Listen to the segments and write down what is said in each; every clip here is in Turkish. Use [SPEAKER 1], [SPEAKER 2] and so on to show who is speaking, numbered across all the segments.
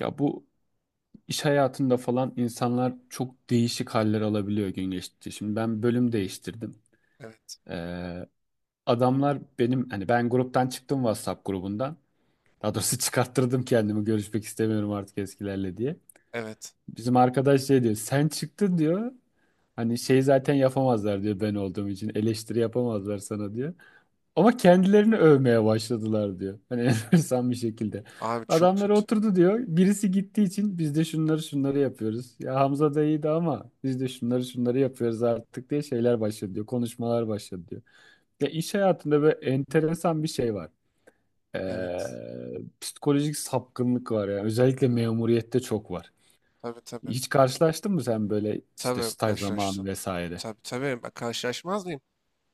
[SPEAKER 1] Ya bu iş hayatında falan insanlar çok değişik haller alabiliyor gün geçtikçe. Şimdi ben bölüm değiştirdim.
[SPEAKER 2] Evet,
[SPEAKER 1] Ee, adamlar benim hani ben gruptan çıktım WhatsApp grubundan. Daha doğrusu çıkarttırdım kendimi görüşmek istemiyorum artık eskilerle diye.
[SPEAKER 2] evet.
[SPEAKER 1] Bizim arkadaş şey diyor sen çıktın diyor. Hani şey zaten yapamazlar diyor ben olduğum için eleştiri yapamazlar sana diyor. Ama kendilerini övmeye başladılar diyor. Hani enteresan bir şekilde.
[SPEAKER 2] Abi çok
[SPEAKER 1] Adamlar
[SPEAKER 2] kötü.
[SPEAKER 1] oturdu diyor. Birisi gittiği için biz de şunları şunları yapıyoruz. Ya Hamza da iyiydi ama biz de şunları şunları yapıyoruz artık diye şeyler başladı diyor. Konuşmalar başladı diyor. Ya iş hayatında böyle enteresan bir şey var. Ee,
[SPEAKER 2] Evet.
[SPEAKER 1] psikolojik sapkınlık var ya. Özellikle
[SPEAKER 2] Abi,
[SPEAKER 1] memuriyette çok var.
[SPEAKER 2] tabii tabii.
[SPEAKER 1] Hiç karşılaştın mı sen böyle işte
[SPEAKER 2] Tabii
[SPEAKER 1] staj zamanı
[SPEAKER 2] karşılaştım.
[SPEAKER 1] vesaire?
[SPEAKER 2] Tabii tabii. Ben karşılaşmaz mıyım?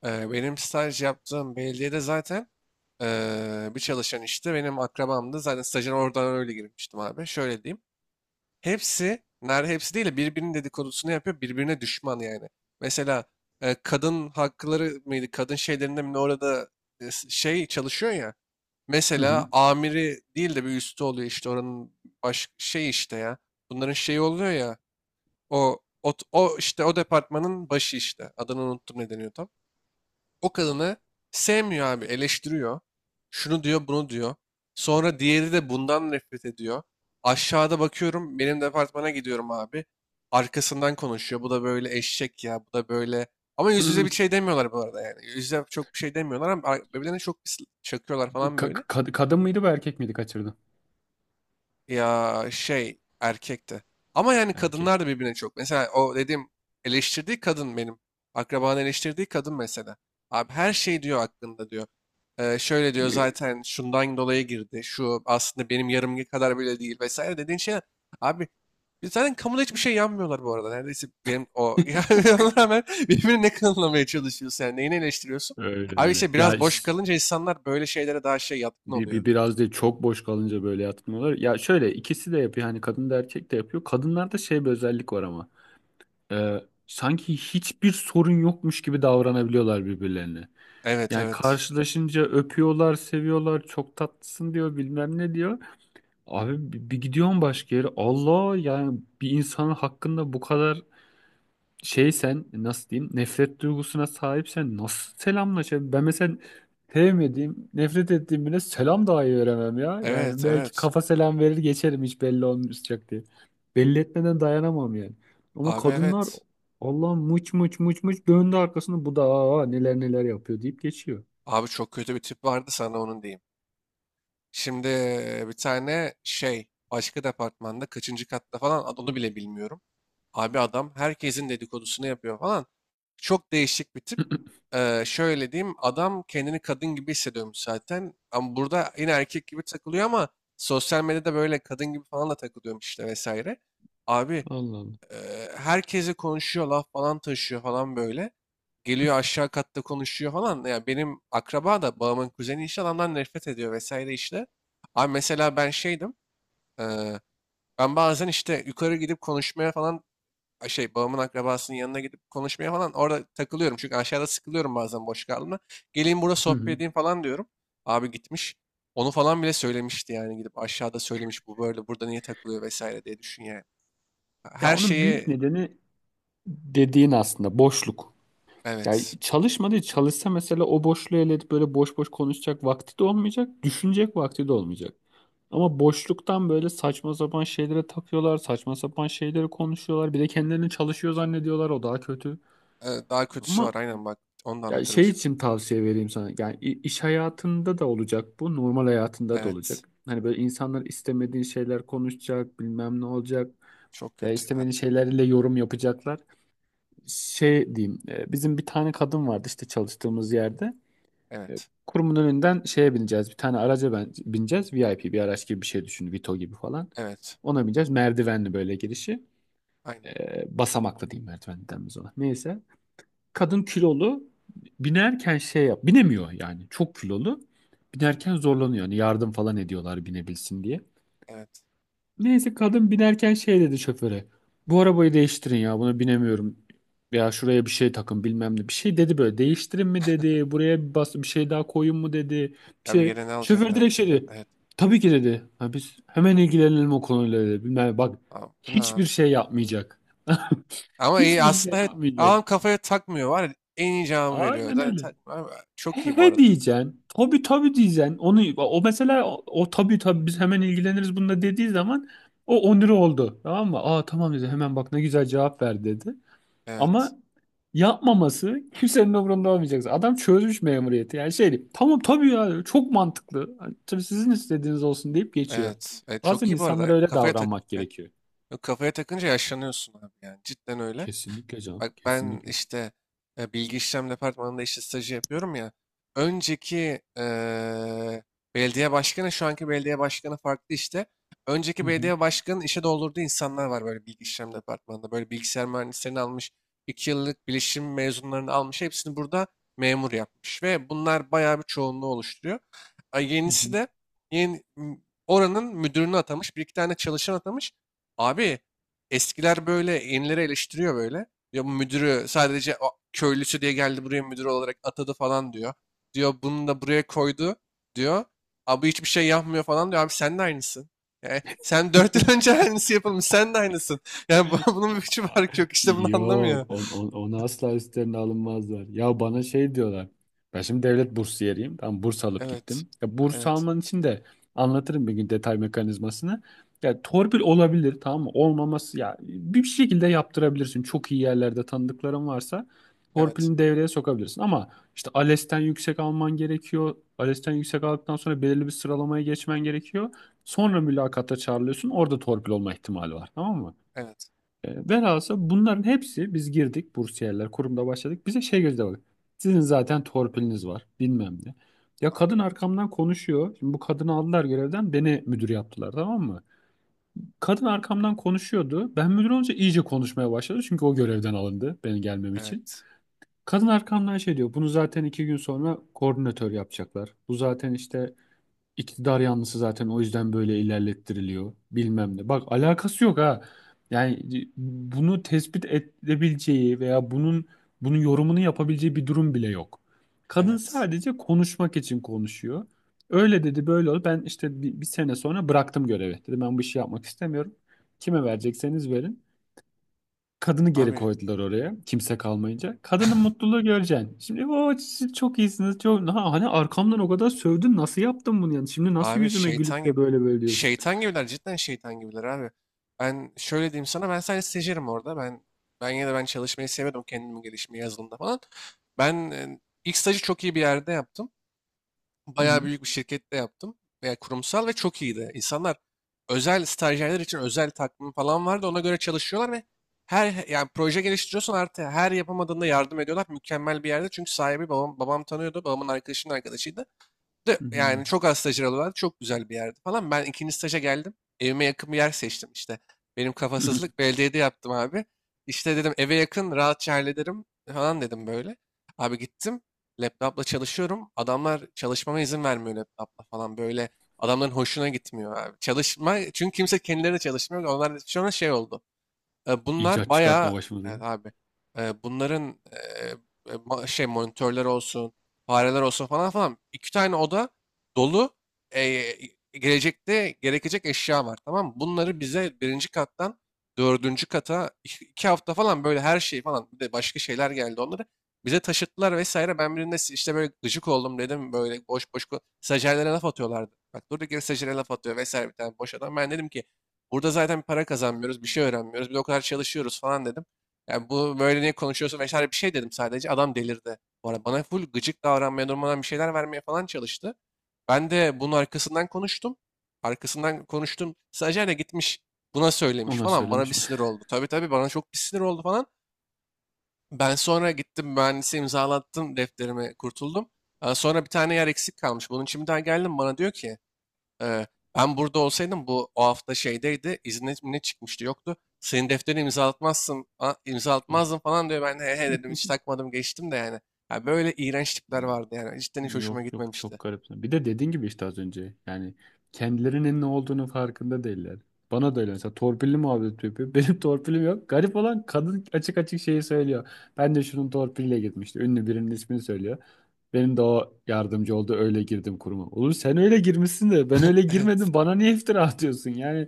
[SPEAKER 2] Benim staj yaptığım belediyede zaten bir çalışan işte benim akrabamdı. Zaten stajına oradan öyle girmiştim abi. Şöyle diyeyim. Hepsi, hepsi değil de birbirinin dedikodusunu yapıyor. Birbirine düşman yani. Mesela kadın hakları mıydı? Kadın şeylerinde mi ne orada şey çalışıyor ya.
[SPEAKER 1] Hı
[SPEAKER 2] Mesela
[SPEAKER 1] hı.
[SPEAKER 2] amiri değil de bir üstü oluyor işte oranın baş şey işte ya. Bunların şeyi oluyor ya. O işte o departmanın başı işte. Adını unuttum ne deniyor tam. O kadını sevmiyor abi, eleştiriyor. Şunu diyor, bunu diyor. Sonra diğeri de bundan nefret ediyor. Aşağıda bakıyorum benim departmana gidiyorum abi. Arkasından konuşuyor. Bu da böyle eşek ya, bu da böyle. Ama yüz yüze bir şey demiyorlar bu arada yani. Yüz yüze çok bir şey demiyorlar ama birbirlerine çok bir çakıyorlar
[SPEAKER 1] Bu
[SPEAKER 2] falan böyle.
[SPEAKER 1] kadın mıydı bu erkek miydi kaçırdın?
[SPEAKER 2] Ya, şey, erkekti. Ama yani
[SPEAKER 1] Erkek.
[SPEAKER 2] kadınlar da birbirine çok. Mesela o dediğim eleştirdiği kadın benim. Akrabanın eleştirdiği kadın mesela. Abi her şey diyor hakkında diyor. Şöyle diyor zaten şundan dolayı girdi. Şu aslında benim yarımki kadar bile değil vesaire dediğin şeyler. Abi biz zaten kamuda hiçbir şey yanmıyorlar bu arada. Neredeyse benim o. Yani ona rağmen birbirini ne kanılamaya çalışıyorsun yani neyini eleştiriyorsun?
[SPEAKER 1] Öyle
[SPEAKER 2] Abi
[SPEAKER 1] öyle.
[SPEAKER 2] işte
[SPEAKER 1] Ya
[SPEAKER 2] biraz boş kalınca insanlar böyle şeylere daha şey yatkın
[SPEAKER 1] bir,
[SPEAKER 2] oluyor.
[SPEAKER 1] bir biraz değil çok boş kalınca böyle yatmıyorlar. Ya şöyle ikisi de yapıyor. Hani kadın da erkek de yapıyor. Kadınlarda şey bir özellik var ama. Ee, sanki hiçbir sorun yokmuş gibi davranabiliyorlar birbirlerine.
[SPEAKER 2] Evet
[SPEAKER 1] Yani
[SPEAKER 2] evet.
[SPEAKER 1] karşılaşınca öpüyorlar, seviyorlar, çok tatlısın diyor, bilmem ne diyor. Abi bir gidiyorsun başka yere. Allah yani bir insanın hakkında bu kadar şey sen nasıl diyeyim nefret duygusuna sahipsen nasıl selamlaşabilir? Ben mesela sevmediğim, nefret ettiğim birine selam dahi veremem ya. Yani
[SPEAKER 2] Evet
[SPEAKER 1] belki
[SPEAKER 2] evet.
[SPEAKER 1] kafa selam verir geçerim hiç belli olmayacak diye. Belli etmeden dayanamam yani. Ama
[SPEAKER 2] Abi
[SPEAKER 1] kadınlar
[SPEAKER 2] evet.
[SPEAKER 1] Allah muç muç muç muç döndü arkasını bu da neler neler yapıyor deyip geçiyor.
[SPEAKER 2] Abi çok kötü bir tip vardı sana onun diyeyim. Şimdi bir tane şey başka departmanda kaçıncı katta falan onu bile bilmiyorum. Abi adam herkesin dedikodusunu yapıyor falan. Çok değişik bir tip. Şöyle diyeyim adam kendini kadın gibi hissediyormuş zaten. Ama burada yine erkek gibi takılıyor ama sosyal medyada böyle kadın gibi falan da takılıyormuş işte vesaire. Abi
[SPEAKER 1] Allah Allah.
[SPEAKER 2] e, herkese konuşuyor laf falan taşıyor falan böyle. Geliyor aşağı katta konuşuyor falan. Ya benim akraba da babamın kuzeni işte adamdan nefret ediyor vesaire işte. Abi mesela ben şeydim. eee, Ben bazen işte yukarı gidip konuşmaya falan şey babamın akrabasının yanına gidip konuşmaya falan orada takılıyorum. Çünkü aşağıda sıkılıyorum bazen boş kaldığımda. Geleyim burada
[SPEAKER 1] Hı
[SPEAKER 2] sohbet
[SPEAKER 1] hı.
[SPEAKER 2] edeyim falan diyorum. Abi gitmiş. Onu falan bile söylemişti yani gidip aşağıda söylemiş bu böyle burada niye takılıyor vesaire diye düşün yani.
[SPEAKER 1] Ya
[SPEAKER 2] Her
[SPEAKER 1] onun büyük
[SPEAKER 2] şeyi.
[SPEAKER 1] nedeni dediğin aslında boşluk. Ya
[SPEAKER 2] Evet.
[SPEAKER 1] çalışmadı, çalışsa mesela o boşluğu elde edip böyle boş boş konuşacak vakti de olmayacak, düşünecek vakti de olmayacak. Ama boşluktan böyle saçma sapan şeylere takıyorlar, saçma sapan şeyleri konuşuyorlar. Bir de kendilerini çalışıyor zannediyorlar, o daha kötü.
[SPEAKER 2] Daha kötüsü var
[SPEAKER 1] Ama
[SPEAKER 2] aynen bak. Onu da
[SPEAKER 1] ya
[SPEAKER 2] anlatırım
[SPEAKER 1] şey
[SPEAKER 2] şimdi.
[SPEAKER 1] için tavsiye vereyim sana. Yani iş hayatında da olacak bu, normal hayatında da
[SPEAKER 2] Evet.
[SPEAKER 1] olacak. Hani böyle insanlar istemediğin şeyler konuşacak, bilmem ne olacak.
[SPEAKER 2] Çok
[SPEAKER 1] Ya
[SPEAKER 2] kötü ya
[SPEAKER 1] istemediğin
[SPEAKER 2] harbi.
[SPEAKER 1] şeylerle yorum yapacaklar. Şey diyeyim, bizim bir tane kadın vardı işte çalıştığımız yerde. E,
[SPEAKER 2] Evet.
[SPEAKER 1] Kurumun önünden şeye bineceğiz. Bir tane araca ben, bineceğiz. VIP bir araç gibi bir şey düşün. Vito gibi falan.
[SPEAKER 2] Evet.
[SPEAKER 1] Ona bineceğiz. Merdivenli böyle girişi.
[SPEAKER 2] Aynen.
[SPEAKER 1] E, basamaklı diyeyim merdivenli denmez ona. Neyse. Kadın kilolu. Binerken şey yap. Binemiyor yani. Çok kilolu. Binerken zorlanıyor. Yani yardım falan ediyorlar binebilsin diye.
[SPEAKER 2] Evet.
[SPEAKER 1] Neyse kadın binerken şey dedi şoföre. Bu arabayı değiştirin ya buna binemiyorum. Ya şuraya bir şey takın bilmem ne. Bir şey dedi böyle değiştirin mi dedi. Buraya bir bas bir şey daha koyun mu dedi. Bir
[SPEAKER 2] Abi
[SPEAKER 1] şey.
[SPEAKER 2] yere ne
[SPEAKER 1] Şoför
[SPEAKER 2] alacaklar
[SPEAKER 1] direkt
[SPEAKER 2] bütün.
[SPEAKER 1] şey dedi.
[SPEAKER 2] Evet.
[SPEAKER 1] Tabii ki dedi. Ha, biz hemen ilgilenelim o konuyla dedi. Bilmem ne. Bak
[SPEAKER 2] Abi, bu ne abi?
[SPEAKER 1] hiçbir şey yapmayacak.
[SPEAKER 2] Ama iyi
[SPEAKER 1] Hiçbir
[SPEAKER 2] aslında
[SPEAKER 1] şey
[SPEAKER 2] evet.
[SPEAKER 1] yapmayacak.
[SPEAKER 2] Adam kafaya takmıyor var ya. En iyi cevabı veriyor.
[SPEAKER 1] Aynen
[SPEAKER 2] Zaten
[SPEAKER 1] öyle.
[SPEAKER 2] takmıyor abi.
[SPEAKER 1] He
[SPEAKER 2] Çok iyi bu
[SPEAKER 1] he
[SPEAKER 2] arada.
[SPEAKER 1] diyeceksin. Tabii tabii diyeceksin. Onu o mesela o tabii tabii biz hemen ilgileniriz bununla dediği zaman o onuru oldu. Tamam mı? Aa, tamam dedi. Hemen bak ne güzel cevap ver dedi.
[SPEAKER 2] Evet.
[SPEAKER 1] Ama yapmaması kimsenin umurunda olmayacak. Adam çözmüş memuriyeti. Yani şey tamam tabii ya çok mantıklı. Hani, tabii sizin istediğiniz olsun deyip geçiyor.
[SPEAKER 2] Evet. Evet, çok
[SPEAKER 1] Bazen
[SPEAKER 2] iyi bu
[SPEAKER 1] insanlara
[SPEAKER 2] arada.
[SPEAKER 1] öyle
[SPEAKER 2] Kafaya tak.
[SPEAKER 1] davranmak
[SPEAKER 2] Evet.
[SPEAKER 1] gerekiyor.
[SPEAKER 2] Yok, kafaya takınca yaşlanıyorsun abi yani. Cidden öyle.
[SPEAKER 1] Kesinlikle canım.
[SPEAKER 2] Bak ben
[SPEAKER 1] Kesinlikle.
[SPEAKER 2] işte bilgi işlem departmanında işte stajı yapıyorum ya. Önceki belediye başkanı şu anki belediye başkanı farklı işte. Önceki
[SPEAKER 1] Hı hı.
[SPEAKER 2] belediye başkanının işe doldurduğu insanlar var böyle bilgi işlem departmanında. Böyle bilgisayar mühendislerini almış, 2 yıllık bilişim mezunlarını almış. Hepsini burada memur yapmış ve bunlar bayağı bir çoğunluğu oluşturuyor.
[SPEAKER 1] Hı hı.
[SPEAKER 2] Yenisi de yeni, m- oranın müdürünü atamış, bir iki tane çalışan atamış. Abi eskiler böyle yenileri eleştiriyor böyle. Diyor bu müdürü sadece o köylüsü diye geldi buraya müdür olarak atadı falan diyor. Diyor bunu da buraya koydu diyor. Abi hiçbir şey yapmıyor falan diyor. Abi sen de aynısın. Yani sen 4 yıl önce aynısı yapılmış. Sen de aynısın. Yani bunun bir hiçbir
[SPEAKER 1] Aa,
[SPEAKER 2] farkı yok. İşte bunu anlamıyor.
[SPEAKER 1] Yok, onu asla üstlerine alınmazlar. Ya bana şey diyorlar. Ben şimdi devlet bursiyeriyim. Ben burs alıp
[SPEAKER 2] Evet.
[SPEAKER 1] gittim. Ya burs
[SPEAKER 2] Evet.
[SPEAKER 1] alman için de anlatırım bir gün detay mekanizmasını. Ya torpil olabilir tamam mı? Olmaması ya bir şekilde yaptırabilirsin. Çok iyi yerlerde tanıdıkların varsa
[SPEAKER 2] Evet.
[SPEAKER 1] torpilini devreye sokabilirsin. Ama işte ALES'ten yüksek alman gerekiyor. ALES'ten yüksek aldıktan sonra belirli bir sıralamaya geçmen gerekiyor. Sonra mülakata çağrılıyorsun. Orada torpil olma ihtimali var tamam mı?
[SPEAKER 2] Evet.
[SPEAKER 1] Velhasıl bunların hepsi biz girdik bursiyerler kurumda başladık. Bize şey gözle bak. Sizin zaten torpiliniz var bilmem ne. Ya
[SPEAKER 2] a-
[SPEAKER 1] kadın arkamdan konuşuyor. Şimdi bu kadını aldılar görevden beni müdür yaptılar tamam mı? Kadın arkamdan konuşuyordu. Ben müdür olunca iyice konuşmaya başladı. Çünkü o görevden alındı benim gelmem için.
[SPEAKER 2] Evet.
[SPEAKER 1] Kadın arkamdan şey diyor. Bunu zaten 2 gün sonra koordinatör yapacaklar. Bu zaten işte İktidar yanlısı zaten o yüzden böyle ilerlettiriliyor bilmem ne. Bak alakası yok ha. Yani bunu tespit edebileceği veya bunun yorumunu yapabileceği bir durum bile yok. Kadın
[SPEAKER 2] Evet.
[SPEAKER 1] sadece konuşmak için konuşuyor. Öyle dedi böyle oldu. Ben işte bir sene sonra bıraktım görevi. Dedim ben bu işi yapmak istemiyorum. Kime verecekseniz verin. Kadını geri
[SPEAKER 2] Abi
[SPEAKER 1] koydular oraya. Kimse kalmayınca. Kadının mutluluğu göreceksin. Şimdi o siz çok iyisiniz. Çok... Ha, hani arkamdan o kadar sövdün. Nasıl yaptın bunu yani? Şimdi nasıl
[SPEAKER 2] Abi,
[SPEAKER 1] yüzüme
[SPEAKER 2] şeytan
[SPEAKER 1] gülüp
[SPEAKER 2] gibi.
[SPEAKER 1] de böyle böyle diyorsun?
[SPEAKER 2] Şeytan gibiler cidden şeytan gibiler abi. Ben şöyle diyeyim sana ben sadece stajyerim orada. Ben yine de ben çalışmayı sevmedim kendimi gelişmeyi yazılımda falan. Ben ilk stajı çok iyi bir yerde yaptım.
[SPEAKER 1] Hı
[SPEAKER 2] Bayağı
[SPEAKER 1] hı.
[SPEAKER 2] büyük bir şirkette yaptım. Veya kurumsal ve çok iyiydi. İnsanlar özel stajyerler için özel takvim falan vardı. Ona göre çalışıyorlar ve her yani proje geliştiriyorsan artık her yapamadığında yardım ediyorlar. Mükemmel bir yerde. Çünkü sahibi babam tanıyordu. Babamın arkadaşının arkadaşıydı. De
[SPEAKER 1] Hı hı.
[SPEAKER 2] yani çok az stajyer alıyorlardı. Çok güzel bir yerdi falan. Ben ikinci staja geldim. Evime yakın bir yer seçtim işte. Benim
[SPEAKER 1] Hı hı.
[SPEAKER 2] kafasızlık belediyede yaptım abi. İşte dedim eve yakın rahatça hallederim falan dedim böyle. Abi gittim. Laptopla çalışıyorum. Adamlar çalışmama izin vermiyor laptopla falan böyle. Adamların hoşuna gitmiyor abi. Çalışma çünkü kimse kendileri de çalışmıyor. Onlar sonra şey oldu. Bunlar
[SPEAKER 1] İcat çıkartma
[SPEAKER 2] bayağı,
[SPEAKER 1] başımıza.
[SPEAKER 2] evet abi. Bunların şey monitörler olsun, fareler olsun falan falan iki tane oda dolu e, gelecekte gerekecek eşya var tamam mı? Bunları bize birinci kattan dördüncü kata iki hafta falan böyle her şey falan bir de başka şeyler geldi onları. Bize taşıttılar vesaire. Ben birinde işte böyle gıcık oldum dedim böyle boş boş stajyerlere laf atıyorlardı. Bak durduk yere stajyere laf atıyor vesaire bir tane boş adam. Ben dedim ki burada zaten para kazanmıyoruz, bir şey öğrenmiyoruz, bir de o kadar çalışıyoruz falan dedim. Yani bu böyle niye konuşuyorsun vesaire bir şey dedim sadece. Adam delirdi. Bu arada bana full gıcık davranmaya, durmadan bir şeyler vermeye falan çalıştı. Ben de bunun arkasından konuştum. Arkasından konuştum. Stajyer de gitmiş buna söylemiş
[SPEAKER 1] Ona
[SPEAKER 2] falan. Bana
[SPEAKER 1] söylemiş
[SPEAKER 2] bir
[SPEAKER 1] mi?
[SPEAKER 2] sinir oldu. Tabii tabii bana çok bir sinir oldu falan. Ben sonra gittim mühendise imzalattım defterimi kurtuldum. Sonra bir tane yer eksik kalmış. Bunun için bir daha geldim bana diyor ki ee, ben burada olsaydım bu o hafta şeydeydi. İzne mi ne çıkmıştı yoktu. Senin defterini imzalatmazsın, imzalatmazdın falan diyor. Ben de he he dedim hiç takmadım geçtim de yani. Ya böyle iğrenç tipler vardı yani. Cidden hiç hoşuma
[SPEAKER 1] Yok yok çok
[SPEAKER 2] gitmemişti.
[SPEAKER 1] garip. Bir de dediğin gibi işte az önce yani kendilerinin ne olduğunu farkında değiller. Bana da öyle mesela torpilli muhabbet yapıyor. Benim torpilim yok. Garip olan kadın açık açık şeyi söylüyor. Ben de şunun torpiliyle gitmişti. Ünlü birinin ismini söylüyor. Benim de o yardımcı oldu öyle girdim kuruma. Oğlum sen öyle girmişsin de ben öyle
[SPEAKER 2] Evet,
[SPEAKER 1] girmedim bana niye iftira atıyorsun? Yani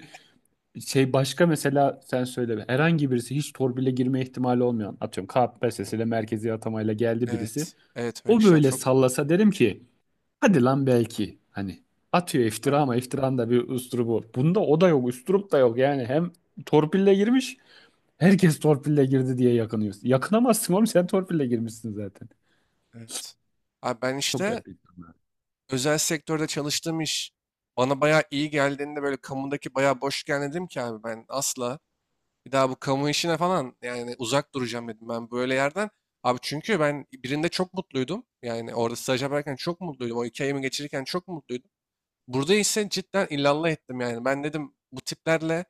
[SPEAKER 1] şey başka mesela sen söyle herhangi birisi hiç torpille girme ihtimali olmayan atıyorum KPSS ile merkezi atamayla geldi birisi.
[SPEAKER 2] evet, evet öyle
[SPEAKER 1] O
[SPEAKER 2] kişiler
[SPEAKER 1] böyle
[SPEAKER 2] çok var.
[SPEAKER 1] sallasa derim ki hadi lan belki hani atıyor iftira
[SPEAKER 2] Aynen,
[SPEAKER 1] ama iftiranın da bir üslubu. Bunda o da yok, üslup da yok. Yani hem torpille girmiş, herkes torpille girdi diye yakınıyorsun. Yakınamazsın oğlum sen torpille girmişsin zaten.
[SPEAKER 2] evet. Abi ben
[SPEAKER 1] Çok
[SPEAKER 2] işte
[SPEAKER 1] garip.
[SPEAKER 2] özel sektörde çalıştığım iş bana bayağı iyi geldiğinde böyle kamudaki bayağı boş dedim ki abi ben asla bir daha bu kamu işine falan yani uzak duracağım dedim ben böyle yerden. Abi çünkü ben birinde çok mutluydum. Yani orada staj yaparken çok mutluydum. O 2 ayımı geçirirken çok mutluydum. Burada ise cidden illallah ettim yani. Ben dedim bu tiplerle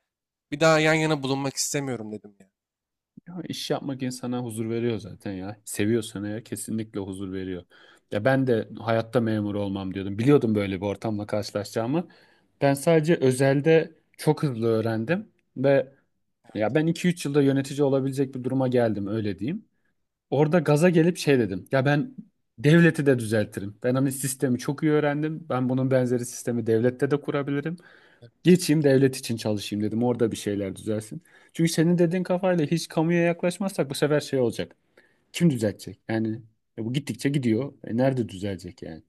[SPEAKER 2] bir daha yan yana bulunmak istemiyorum dedim yani.
[SPEAKER 1] Ya iş yapmak insana huzur veriyor zaten ya. Seviyorsan eğer kesinlikle huzur veriyor. Ya ben de hayatta memur olmam diyordum. Biliyordum böyle bir ortamla karşılaşacağımı. Ben sadece özelde çok hızlı öğrendim ve ya ben 2-3 yılda yönetici olabilecek bir duruma geldim öyle diyeyim. Orada gaza gelip şey dedim. Ya ben devleti de düzeltirim. Ben hani sistemi çok iyi öğrendim. Ben bunun benzeri sistemi devlette de kurabilirim.
[SPEAKER 2] Evet.
[SPEAKER 1] Geçeyim devlet için çalışayım dedim. Orada bir şeyler düzelsin. Çünkü senin dediğin kafayla hiç kamuya yaklaşmazsak bu sefer şey olacak. Kim düzeltecek? Yani bu gittikçe gidiyor. Nerede düzelecek yani?